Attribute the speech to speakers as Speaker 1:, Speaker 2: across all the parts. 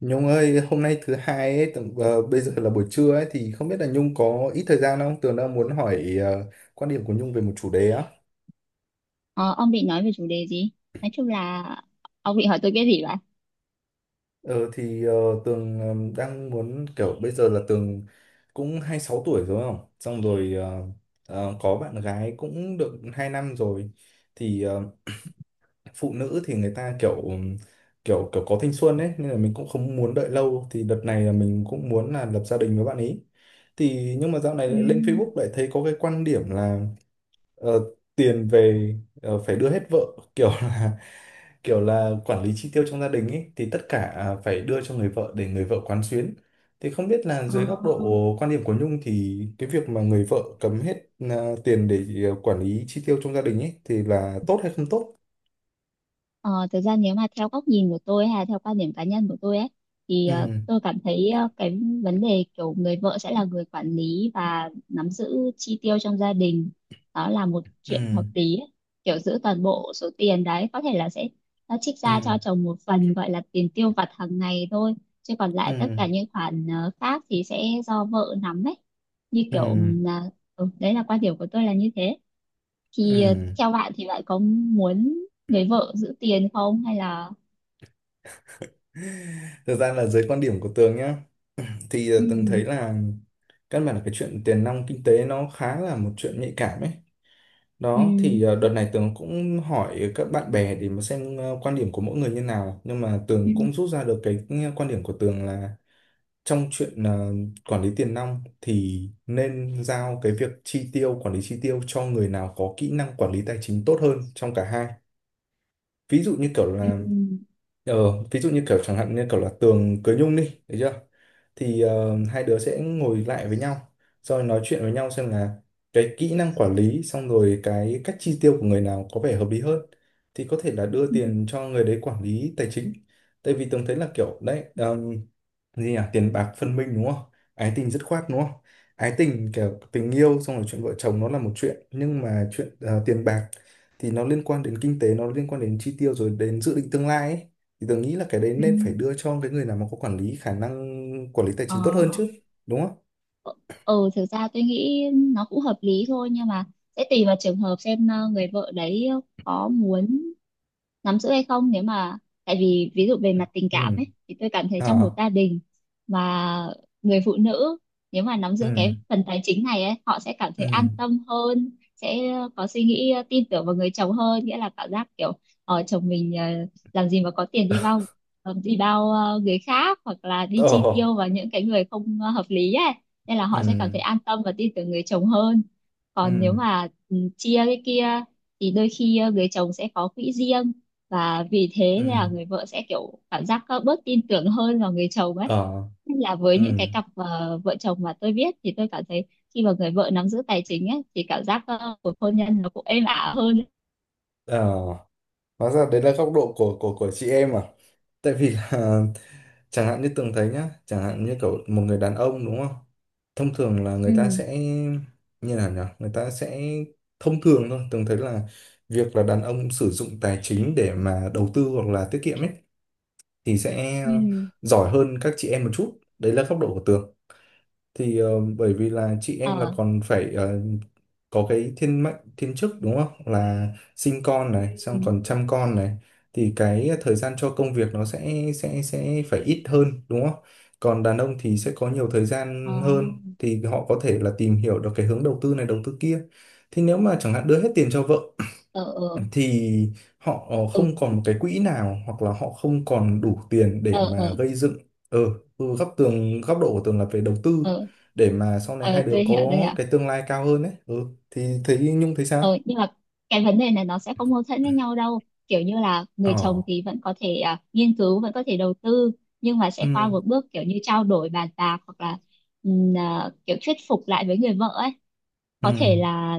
Speaker 1: Nhung ơi, hôm nay thứ hai ấy, tầm, bây giờ là buổi trưa ấy thì không biết là Nhung có ít thời gian không? Tường đang muốn hỏi quan điểm của Nhung về một chủ đề á.
Speaker 2: Ờ, ông định nói về chủ đề gì? Nói chung là ông định hỏi tôi cái gì vậy?
Speaker 1: Ờ thì ờ, Tường đang muốn kiểu bây giờ là Tường cũng 26 tuổi rồi không? Xong rồi có bạn gái cũng được 2 năm rồi. Thì phụ nữ thì người ta kiểu kiểu kiểu có thanh xuân ấy nên là mình cũng không muốn đợi lâu thì đợt này là mình cũng muốn là lập gia đình với bạn ấy. Thì nhưng mà dạo này
Speaker 2: Ừ.
Speaker 1: lại lên Facebook lại thấy có cái quan điểm là Ờ, tiền về phải đưa hết vợ kiểu là kiểu là quản lý chi tiêu trong gia đình ấy thì tất cả à, phải đưa cho người vợ để người vợ quán xuyến thì không biết là
Speaker 2: Ờ.
Speaker 1: dưới góc độ quan điểm của Nhung thì cái việc mà người vợ cấm hết à, tiền để à, quản lý chi tiêu trong gia đình ấy thì là tốt hay không tốt.
Speaker 2: Ờ, Thực ra nếu mà theo góc nhìn của tôi hay là theo quan điểm cá nhân của tôi ấy thì
Speaker 1: Ừ,
Speaker 2: tôi cảm thấy cái vấn đề kiểu người vợ sẽ là người quản lý và nắm giữ chi tiêu trong gia đình, đó là một
Speaker 1: ừ,
Speaker 2: chuyện hợp lý ấy. Kiểu giữ toàn bộ số tiền đấy có thể là sẽ nó trích
Speaker 1: ừ,
Speaker 2: ra cho chồng một phần gọi là tiền tiêu vặt hàng ngày thôi, chứ còn
Speaker 1: ừ,
Speaker 2: lại tất cả những khoản khác thì sẽ do vợ nắm ấy, như kiểu
Speaker 1: ừ,
Speaker 2: đấy là quan điểm của tôi là như thế. Thì
Speaker 1: ừ,
Speaker 2: theo bạn thì bạn có muốn người vợ giữ tiền không, hay là...
Speaker 1: thực ra là dưới quan điểm của Tường nhá thì từng thấy
Speaker 2: Ừ,
Speaker 1: là căn bản là cái chuyện tiền nong kinh tế nó khá là một chuyện nhạy cảm ấy. Đó
Speaker 2: ừ,
Speaker 1: thì đợt này Tường cũng hỏi các bạn bè để mà xem quan điểm của mỗi người như nào nhưng mà Tường
Speaker 2: ừ,
Speaker 1: cũng rút ra được cái ừ, quan điểm của Tường là trong chuyện quản lý tiền nong thì nên giao cái việc chi tiêu quản lý chi tiêu cho người nào có kỹ năng quản lý tài chính tốt hơn trong cả hai, ví dụ như kiểu
Speaker 2: ừ,
Speaker 1: là Ờ, ví dụ như kiểu chẳng hạn như kiểu là Tường cưới Nhung đi, thấy chưa? Thì hai đứa sẽ ngồi lại với nhau, rồi nói chuyện với nhau xem là cái kỹ năng quản lý xong rồi cái cách chi tiêu của người nào có vẻ hợp lý hơn. Thì có thể là đưa
Speaker 2: ừ,
Speaker 1: tiền cho người đấy quản lý tài chính. Tại vì Tường thấy là kiểu đấy, gì nhỉ? Tiền bạc phân minh đúng không? Ái tình dứt khoát đúng không? Ái tình kiểu tình yêu xong rồi chuyện vợ chồng nó là một chuyện, nhưng mà chuyện tiền bạc thì nó liên quan đến kinh tế, nó liên quan đến chi tiêu rồi đến dự định tương lai ấy thì tớ nghĩ là cái đấy
Speaker 2: ừ.
Speaker 1: nên phải đưa cho cái người nào mà có quản lý khả năng quản lý tài
Speaker 2: Ờ,
Speaker 1: chính tốt hơn chứ, đúng không?
Speaker 2: ờ. Thực ra tôi nghĩ nó cũng hợp lý thôi, nhưng mà sẽ tùy vào trường hợp xem người vợ đấy có muốn nắm giữ hay không. Nếu mà, tại vì ví dụ về mặt tình cảm
Speaker 1: Ừ,
Speaker 2: ấy thì tôi cảm thấy
Speaker 1: ờ,
Speaker 2: trong một gia đình mà người phụ nữ, nếu mà nắm
Speaker 1: ừ,
Speaker 2: giữ cái phần tài chính này ấy, họ sẽ cảm thấy
Speaker 1: ừ,
Speaker 2: an tâm hơn, sẽ có suy nghĩ tin tưởng vào người chồng hơn, nghĩa là cảm giác kiểu chồng mình làm gì mà có tiền đi bao người khác, hoặc là đi
Speaker 1: ờ,
Speaker 2: chi tiêu vào những cái người không hợp lý ấy, nên là
Speaker 1: ừ,
Speaker 2: họ sẽ cảm thấy an tâm và tin tưởng người chồng hơn. Còn nếu
Speaker 1: ừ,
Speaker 2: mà chia cái kia thì đôi khi người chồng sẽ có quỹ riêng, và vì thế
Speaker 1: ừ,
Speaker 2: nên là người vợ sẽ kiểu cảm giác có bớt tin tưởng hơn vào người chồng ấy.
Speaker 1: ờ,
Speaker 2: Nên là với những cái
Speaker 1: ừ,
Speaker 2: cặp vợ chồng mà tôi biết thì tôi cảm thấy khi mà người vợ nắm giữ tài chính ấy thì cảm giác của hôn nhân nó cũng êm ả hơn.
Speaker 1: ờ. Hóa ra đấy là góc độ của của chị em à? Tại vì là chẳng hạn như Tường thấy nhá, chẳng hạn như kiểu một người đàn ông đúng không? Thông thường là người ta
Speaker 2: Ừ,
Speaker 1: sẽ như nào nhỉ? Người ta sẽ thông thường thôi, Tường thấy là việc là đàn ông sử dụng tài chính để mà đầu tư hoặc là tiết kiệm ấy thì sẽ
Speaker 2: ừ,
Speaker 1: giỏi hơn các chị em một chút. Đấy là góc độ của Tường. Thì bởi vì là chị em là
Speaker 2: ờ,
Speaker 1: còn phải có cái thiên mệnh thiên chức đúng không, là sinh con này xong
Speaker 2: ừ,
Speaker 1: còn chăm con này thì cái thời gian cho công việc nó sẽ phải ít hơn đúng không, còn đàn ông thì sẽ có nhiều thời
Speaker 2: ờ,
Speaker 1: gian hơn thì họ có thể là tìm hiểu được cái hướng đầu tư này đầu tư kia thì nếu mà chẳng hạn đưa hết tiền cho vợ
Speaker 2: ờ, ờ,
Speaker 1: thì họ
Speaker 2: ừ,
Speaker 1: không còn một cái quỹ nào hoặc là họ không còn đủ tiền để
Speaker 2: ờ,
Speaker 1: mà
Speaker 2: ờ,
Speaker 1: gây dựng. ờ ừ, góc tường góc độ của tường là về đầu tư
Speaker 2: ờ.
Speaker 1: để mà sau này hai đứa
Speaker 2: Tôi hiểu, tôi
Speaker 1: có
Speaker 2: hiểu.
Speaker 1: cái tương lai cao hơn đấy. Ừ, thì thấy Nhung thấy
Speaker 2: Ừ,
Speaker 1: sao?
Speaker 2: nhưng mà cái vấn đề này nó sẽ không mâu thuẫn với nhau đâu. Kiểu như là
Speaker 1: Ờ,
Speaker 2: người chồng thì vẫn có thể nghiên cứu, vẫn có thể đầu tư, nhưng mà sẽ
Speaker 1: ừ,
Speaker 2: qua một bước kiểu như trao đổi bàn bạc, hoặc là kiểu thuyết phục lại với người vợ ấy.
Speaker 1: ừ,
Speaker 2: Có thể là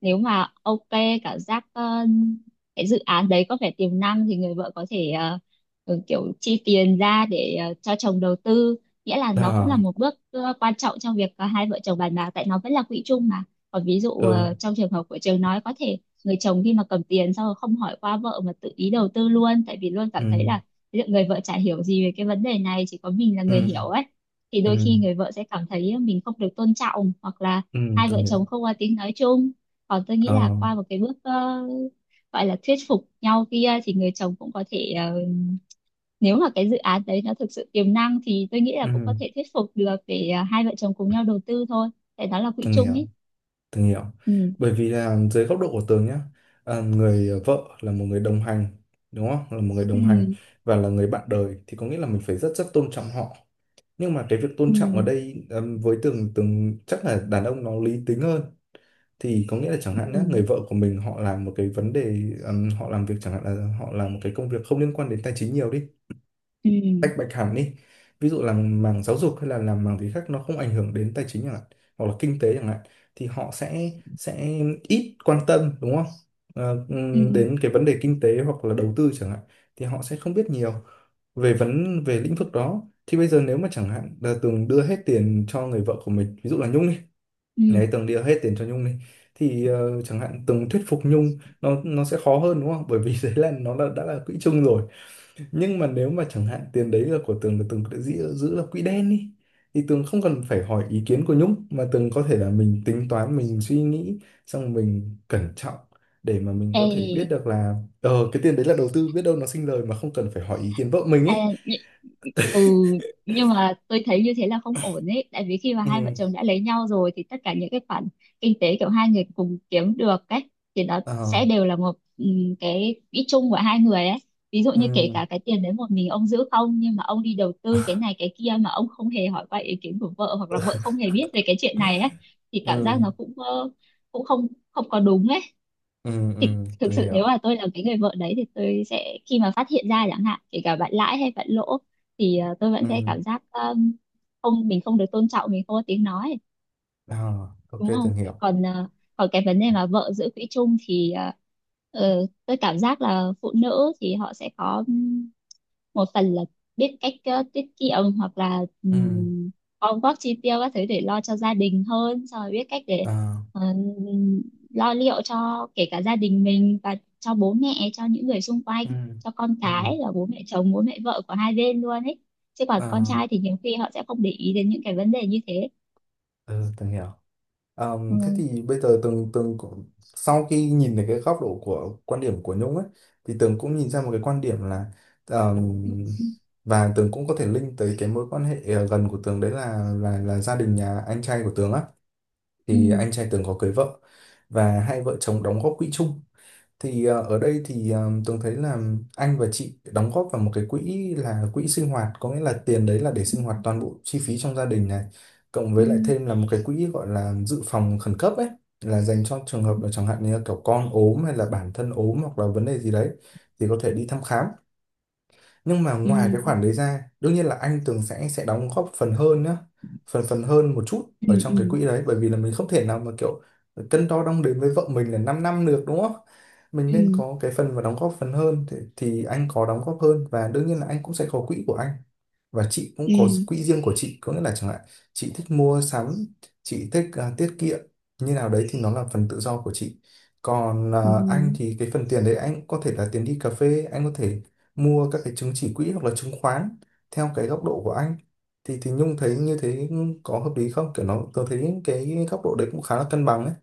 Speaker 2: nếu mà ok, cảm giác cái dự án đấy có vẻ tiềm năng thì người vợ có thể kiểu chi tiền ra để cho chồng đầu tư. Nghĩa là
Speaker 1: ờ,
Speaker 2: nó cũng là một bước quan trọng trong việc hai vợ chồng bàn bạc, tại nó vẫn là quỹ chung mà. Còn ví dụ
Speaker 1: ừ,
Speaker 2: trong trường hợp của Trường nói, có thể người chồng khi mà cầm tiền xong rồi không hỏi qua vợ mà tự ý đầu tư luôn, tại vì luôn cảm
Speaker 1: ừ,
Speaker 2: thấy là liệu người vợ chả hiểu gì về cái vấn đề này, chỉ có mình là
Speaker 1: ừ,
Speaker 2: người hiểu ấy, thì
Speaker 1: ừ,
Speaker 2: đôi khi người vợ sẽ cảm thấy mình không được tôn trọng, hoặc là
Speaker 1: ừ,
Speaker 2: hai
Speaker 1: từng
Speaker 2: vợ
Speaker 1: hiểu.
Speaker 2: chồng không có tiếng nói chung. Còn tôi nghĩ
Speaker 1: Ờ,
Speaker 2: là qua một cái bước gọi là thuyết phục nhau kia thì người chồng cũng có thể nếu mà cái dự án đấy nó thực sự tiềm năng thì tôi nghĩ là cũng có
Speaker 1: ừ,
Speaker 2: thể thuyết phục được để hai vợ chồng cùng nhau đầu tư thôi, tại đó là quỹ
Speaker 1: từng
Speaker 2: chung
Speaker 1: hiểu.
Speaker 2: ấy.
Speaker 1: Tường hiểu.
Speaker 2: Ừ,
Speaker 1: Bởi vì là dưới góc độ của Tường nhá, à, người vợ là một người đồng hành, đúng không? Là một người đồng hành
Speaker 2: ừ,
Speaker 1: và là người bạn đời thì có nghĩa là mình phải rất rất tôn trọng họ. Nhưng mà cái việc tôn
Speaker 2: ừ,
Speaker 1: trọng ở đây với Tường Tường chắc là đàn ông nó lý tính hơn. Thì có nghĩa là chẳng hạn nhé người
Speaker 2: ừ,
Speaker 1: vợ của mình họ làm một cái vấn đề, họ làm việc chẳng hạn là họ làm một cái công việc không liên quan đến tài chính nhiều đi,
Speaker 2: ừ,
Speaker 1: tách bạch hẳn đi, ví dụ là mảng giáo dục hay là làm mảng gì khác nó không ảnh hưởng đến tài chính chẳng hạn hoặc là kinh tế chẳng hạn thì họ sẽ ít quan tâm đúng không?
Speaker 2: ừ,
Speaker 1: Đến cái vấn đề kinh tế hoặc là đầu tư chẳng hạn thì họ sẽ không biết nhiều về vấn về lĩnh vực đó thì bây giờ nếu mà chẳng hạn là Tường đưa hết tiền cho người vợ của mình ví dụ là Nhung đi,
Speaker 2: ừ.
Speaker 1: đấy Tường đưa hết tiền cho Nhung đi thì chẳng hạn Tường thuyết phục Nhung nó sẽ khó hơn đúng không bởi vì đấy là nó là đã là quỹ chung rồi, nhưng mà nếu mà chẳng hạn tiền đấy là của Tường là Tường đã giữ là quỹ đen đi thì Tường không cần phải hỏi ý kiến của Nhung mà Tường có thể là mình tính toán mình suy nghĩ xong mình cẩn trọng để mà mình có thể biết
Speaker 2: Ê.
Speaker 1: được là cái tiền đấy là đầu tư biết đâu nó sinh lời mà không cần phải hỏi ý kiến vợ mình
Speaker 2: À,
Speaker 1: ấy.
Speaker 2: nh- ừ nhưng mà tôi thấy như thế là không ổn ấy, tại vì khi mà hai vợ
Speaker 1: Ừ,
Speaker 2: chồng đã lấy nhau rồi thì tất cả những cái khoản kinh tế kiểu hai người cùng kiếm được ấy thì nó
Speaker 1: ờ,
Speaker 2: sẽ đều là một cái quỹ chung của hai người ấy. Ví dụ như kể
Speaker 1: ừ,
Speaker 2: cả cái tiền đấy một mình ông giữ không, nhưng mà ông đi đầu tư cái này cái kia mà ông không hề hỏi qua ý kiến của vợ, hoặc là vợ không hề biết về cái chuyện này ấy, thì cảm
Speaker 1: ừ,
Speaker 2: giác nó cũng cũng không, không có đúng ấy.
Speaker 1: ừ,
Speaker 2: Thì
Speaker 1: ừ,
Speaker 2: thực
Speaker 1: Tường
Speaker 2: sự nếu
Speaker 1: hiểu.
Speaker 2: mà tôi là cái người vợ đấy thì tôi sẽ, khi mà phát hiện ra chẳng hạn kể cả bạn lãi hay bạn lỗ, thì tôi vẫn
Speaker 1: Ừ,
Speaker 2: sẽ cảm giác không, mình không được tôn trọng, mình không có tiếng nói,
Speaker 1: ờ, ok
Speaker 2: đúng không?
Speaker 1: Tường hiểu.
Speaker 2: Còn à, còn cái vấn đề mà vợ giữ quỹ chung thì tôi cảm giác là phụ nữ thì họ sẽ có một phần là biết cách tiết kiệm, hoặc là
Speaker 1: Ừ,
Speaker 2: gom góp chi tiêu các thứ để lo cho gia đình hơn, xong rồi biết cách để
Speaker 1: ờ,
Speaker 2: ờ, lo liệu cho kể cả gia đình mình và cho bố mẹ, cho những người xung quanh,
Speaker 1: ừ,
Speaker 2: cho con
Speaker 1: ừ,
Speaker 2: cái, là bố mẹ chồng bố mẹ vợ của hai bên luôn ấy, chứ còn con
Speaker 1: ờ,
Speaker 2: trai thì nhiều khi họ sẽ không để ý đến những cái vấn đề như thế.
Speaker 1: ừ, Tường hiểu. À,
Speaker 2: Ừ.
Speaker 1: thế thì bây giờ Tường Tường cũng- sau khi nhìn được cái góc độ của quan điểm của Nhung ấy thì Tường cũng nhìn ra một cái quan điểm là ờm,
Speaker 2: Ừ.
Speaker 1: và Tường cũng có thể link tới cái mối quan hệ gần của Tường đấy là là gia đình nhà anh trai của Tường á
Speaker 2: Ừ.
Speaker 1: thì anh trai Tường có cưới vợ và hai vợ chồng đóng góp quỹ chung thì ở đây thì Tường thấy là anh và chị đóng góp vào một cái quỹ là quỹ sinh hoạt, có nghĩa là tiền đấy là để sinh hoạt toàn bộ chi phí trong gia đình này, cộng
Speaker 2: Ừ,
Speaker 1: với lại thêm là một cái quỹ gọi là dự phòng khẩn cấp ấy, là dành cho trường
Speaker 2: ừ,
Speaker 1: hợp là chẳng hạn như là kiểu con ốm hay là bản thân ốm hoặc là vấn đề gì đấy thì có thể đi thăm khám, nhưng mà ngoài cái
Speaker 2: ừ,
Speaker 1: khoản đấy ra đương nhiên là anh Tường sẽ đóng góp phần hơn nhá, phần phần hơn một chút
Speaker 2: ừ,
Speaker 1: ở trong cái
Speaker 2: ừ,
Speaker 1: quỹ đấy bởi vì là mình không thể nào mà kiểu cân đo đong đếm với vợ mình là 5 năm năm được đúng không, mình
Speaker 2: ừ, ừ,
Speaker 1: nên
Speaker 2: ừ,
Speaker 1: có cái phần và đóng góp phần hơn thì anh có đóng góp hơn và đương nhiên là anh cũng sẽ có quỹ của anh và chị cũng có
Speaker 2: ừ,
Speaker 1: quỹ riêng của chị có nghĩa là chẳng hạn chị thích mua sắm, chị thích à, tiết kiệm như nào đấy thì nó là phần tự do của chị, còn à,
Speaker 2: ừ, ừ,
Speaker 1: anh
Speaker 2: ừ,
Speaker 1: thì cái phần tiền đấy anh có thể là tiền đi cà phê, anh có thể mua các cái chứng chỉ quỹ hoặc là chứng khoán theo cái góc độ của anh. Thì Nhung thấy như thế có hợp lý không, kiểu nó tôi thấy cái góc độ đấy cũng khá là cân bằng ấy.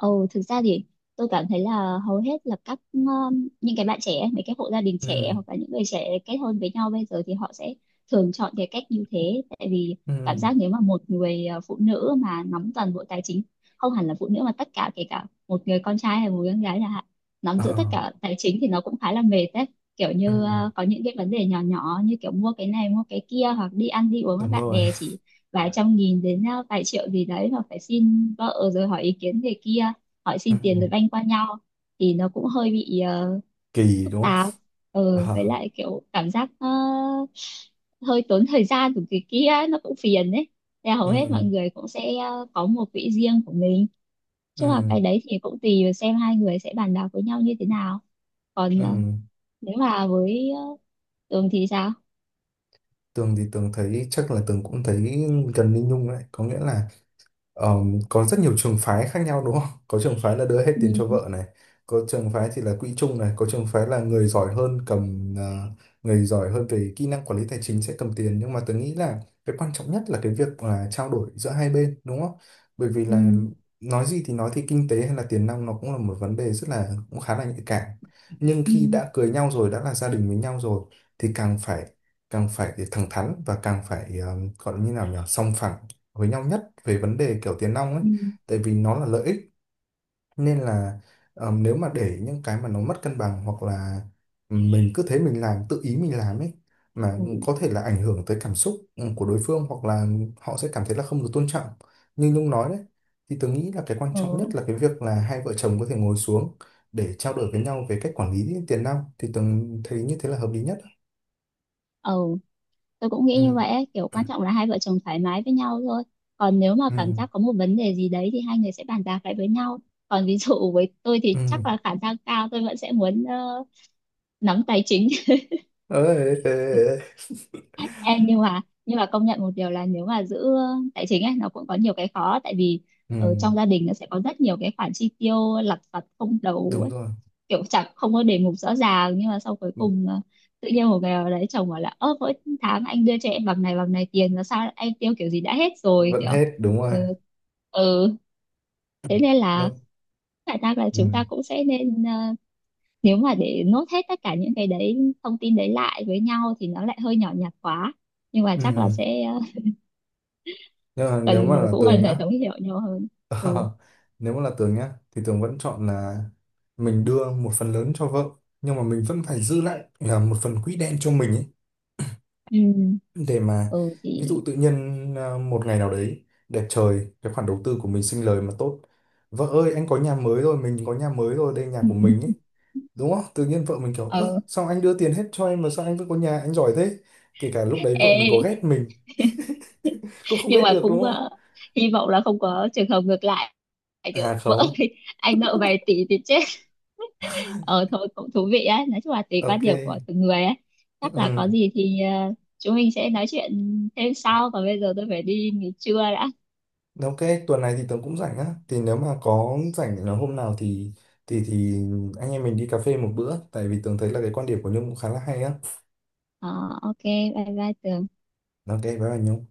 Speaker 2: Ồ, thực ra thì tôi cảm thấy là hầu hết là các những cái bạn trẻ, mấy cái hộ gia đình
Speaker 1: Ừ,
Speaker 2: trẻ hoặc là những người trẻ kết hôn với nhau bây giờ thì họ sẽ thường chọn cái cách như thế, tại vì cảm
Speaker 1: ừ,
Speaker 2: giác nếu mà một người phụ nữ mà nắm toàn bộ tài chính, không hẳn là phụ nữ mà tất cả kể cả một người con trai hay một người con gái chẳng hạn, nắm
Speaker 1: ờ,
Speaker 2: giữ tất cả tài chính thì nó cũng khá là mệt đấy. Kiểu
Speaker 1: ừ,
Speaker 2: như có những cái vấn đề nhỏ nhỏ như kiểu mua cái này mua cái kia, hoặc đi ăn đi uống với
Speaker 1: đúng
Speaker 2: bạn
Speaker 1: rồi
Speaker 2: bè chỉ vài trăm nghìn đến vài triệu gì đấy mà phải xin vợ rồi hỏi ý kiến người kia, hỏi
Speaker 1: ừ.
Speaker 2: xin tiền rồi banh qua nhau, thì nó cũng hơi bị
Speaker 1: Kỳ
Speaker 2: phức
Speaker 1: đúng không
Speaker 2: tạp. Với
Speaker 1: Ờ,
Speaker 2: lại kiểu cảm giác hơi tốn thời gian của người kia, nó cũng phiền đấy. Là hầu hết mọi
Speaker 1: ừ,
Speaker 2: người cũng sẽ có một quỹ riêng của mình,
Speaker 1: ừ,
Speaker 2: chứ mà cái đấy thì cũng tùy vào xem hai người sẽ bàn bạc với nhau như thế nào. Còn
Speaker 1: ừ.
Speaker 2: nếu mà với Tường thì sao?
Speaker 1: Tường thì Tường thấy chắc là Tường cũng thấy gần như Nhung đấy có nghĩa là Ờ, có rất nhiều trường phái khác nhau đúng không? Có trường phái là đưa hết tiền cho
Speaker 2: Ừ,
Speaker 1: vợ này, có trường phái thì là quỹ chung này, có trường phái là người giỏi hơn cầm người giỏi hơn về kỹ năng quản lý tài chính sẽ cầm tiền, nhưng mà tôi nghĩ là cái quan trọng nhất là cái việc là trao đổi giữa hai bên đúng không? Bởi vì
Speaker 2: ừ,
Speaker 1: là nói gì thì nói thì kinh tế hay là tiền nong nó cũng là một vấn đề rất là cũng khá là nhạy cảm. Nhưng
Speaker 2: ừ,
Speaker 1: khi đã cưới nhau rồi, đã là gia đình với nhau rồi thì càng phải thẳng thắn và càng phải gọi như nào nhỉ? Sòng phẳng với nhau nhất về vấn đề kiểu tiền nong ấy,
Speaker 2: ừ,
Speaker 1: tại vì nó là lợi ích, nên là nếu mà để những cái mà nó mất cân bằng hoặc là ừ, mình cứ thế mình làm tự ý mình làm ấy mà
Speaker 2: ừ, ừ,
Speaker 1: có thể là ảnh hưởng tới cảm xúc ừ, của đối phương hoặc là họ sẽ cảm thấy là không được tôn trọng như Nhung nói đấy, thì tôi nghĩ là cái quan trọng nhất
Speaker 2: ừ.
Speaker 1: là cái việc là hai vợ chồng có thể ngồi xuống để trao đổi với nhau về cách quản lý tiền nong thì tôi thấy như thế là hợp lý nhất.
Speaker 2: Ừ. Tôi cũng
Speaker 1: Ừ.
Speaker 2: nghĩ như vậy ấy. Kiểu quan trọng là hai vợ chồng thoải mái với nhau thôi. Còn nếu mà cảm
Speaker 1: Ừ.
Speaker 2: giác có một vấn đề gì đấy thì hai người sẽ bàn bạc lại với nhau. Còn ví dụ với tôi
Speaker 1: Ừ.
Speaker 2: thì chắc là khả năng cao tôi vẫn sẽ muốn nắm tài chính.
Speaker 1: Ê, ê, ê. Ê.
Speaker 2: Em, nhưng mà công nhận một điều là nếu mà giữ tài chính ấy nó cũng có nhiều cái khó, tại vì
Speaker 1: Ừ.
Speaker 2: ở trong gia đình nó sẽ có rất nhiều cái khoản chi tiêu lặt vặt không đầu
Speaker 1: Đúng
Speaker 2: ấy,
Speaker 1: rồi,
Speaker 2: kiểu chẳng không có đề mục rõ ràng, nhưng mà sau cuối cùng tự nhiên một ngày nào đấy chồng bảo là: ơ, mỗi tháng anh đưa cho em bằng này tiền là sao em tiêu kiểu gì đã hết rồi
Speaker 1: vẫn
Speaker 2: kiểu...
Speaker 1: hết đúng
Speaker 2: Ừ,
Speaker 1: rồi.
Speaker 2: ừ. Thế nên là
Speaker 1: Nếu
Speaker 2: khả năng là
Speaker 1: ừ.
Speaker 2: chúng ta cũng sẽ nên nếu mà để nốt hết tất cả những cái đấy, thông tin đấy lại với nhau thì nó lại hơi nhỏ nhặt quá, nhưng mà chắc là
Speaker 1: Ừ.
Speaker 2: sẽ
Speaker 1: Nhưng mà nếu
Speaker 2: cần
Speaker 1: mà là
Speaker 2: cũng
Speaker 1: tường
Speaker 2: cần
Speaker 1: nhá
Speaker 2: phải thấu hiểu nhau hơn. Ừ,
Speaker 1: ờ, nếu mà là tường nhá thì tường vẫn chọn là mình đưa một phần lớn cho vợ nhưng mà mình vẫn phải giữ lại là một phần quỹ đen cho mình ấy
Speaker 2: ừ,
Speaker 1: để mà
Speaker 2: ừ.
Speaker 1: ví
Speaker 2: Thì
Speaker 1: dụ tự nhiên à, một ngày nào đấy đẹp trời cái khoản đầu tư của mình sinh lời mà tốt, vợ ơi anh có nhà mới rồi mình có nhà mới rồi đây nhà
Speaker 2: ừ.
Speaker 1: của mình
Speaker 2: Ừ.
Speaker 1: ấy, đúng không tự nhiên vợ mình kiểu ơ
Speaker 2: Ờ.
Speaker 1: sao anh đưa tiền hết cho em mà sao anh vẫn có nhà anh giỏi thế, kể cả lúc đấy vợ mình có ghét
Speaker 2: ê
Speaker 1: mình cũng không
Speaker 2: nhưng
Speaker 1: ghét
Speaker 2: mà
Speaker 1: được đúng
Speaker 2: cũng
Speaker 1: không.
Speaker 2: hy vọng là không có trường hợp ngược lại, kiểu
Speaker 1: À
Speaker 2: vỡ
Speaker 1: không,
Speaker 2: thì anh nợ vài tỷ thì chết. Ờ Thôi cũng thú vị á, nói chung là tùy quan
Speaker 1: ok.
Speaker 2: điểm của từng người á.
Speaker 1: Ừ,
Speaker 2: Chắc là
Speaker 1: ừ.
Speaker 2: có gì thì chúng mình sẽ nói chuyện thêm sau, còn bây giờ tôi phải đi nghỉ trưa đã.
Speaker 1: Ok, tuần này thì tớ cũng rảnh á. Thì nếu mà có rảnh là hôm nào thì thì anh em mình đi cà phê một bữa. Tại vì tớ thấy là cái quan điểm của Nhung cũng khá là hay á.
Speaker 2: ờ, ok, bye bye Tường.
Speaker 1: Ok, bye bye Nhung.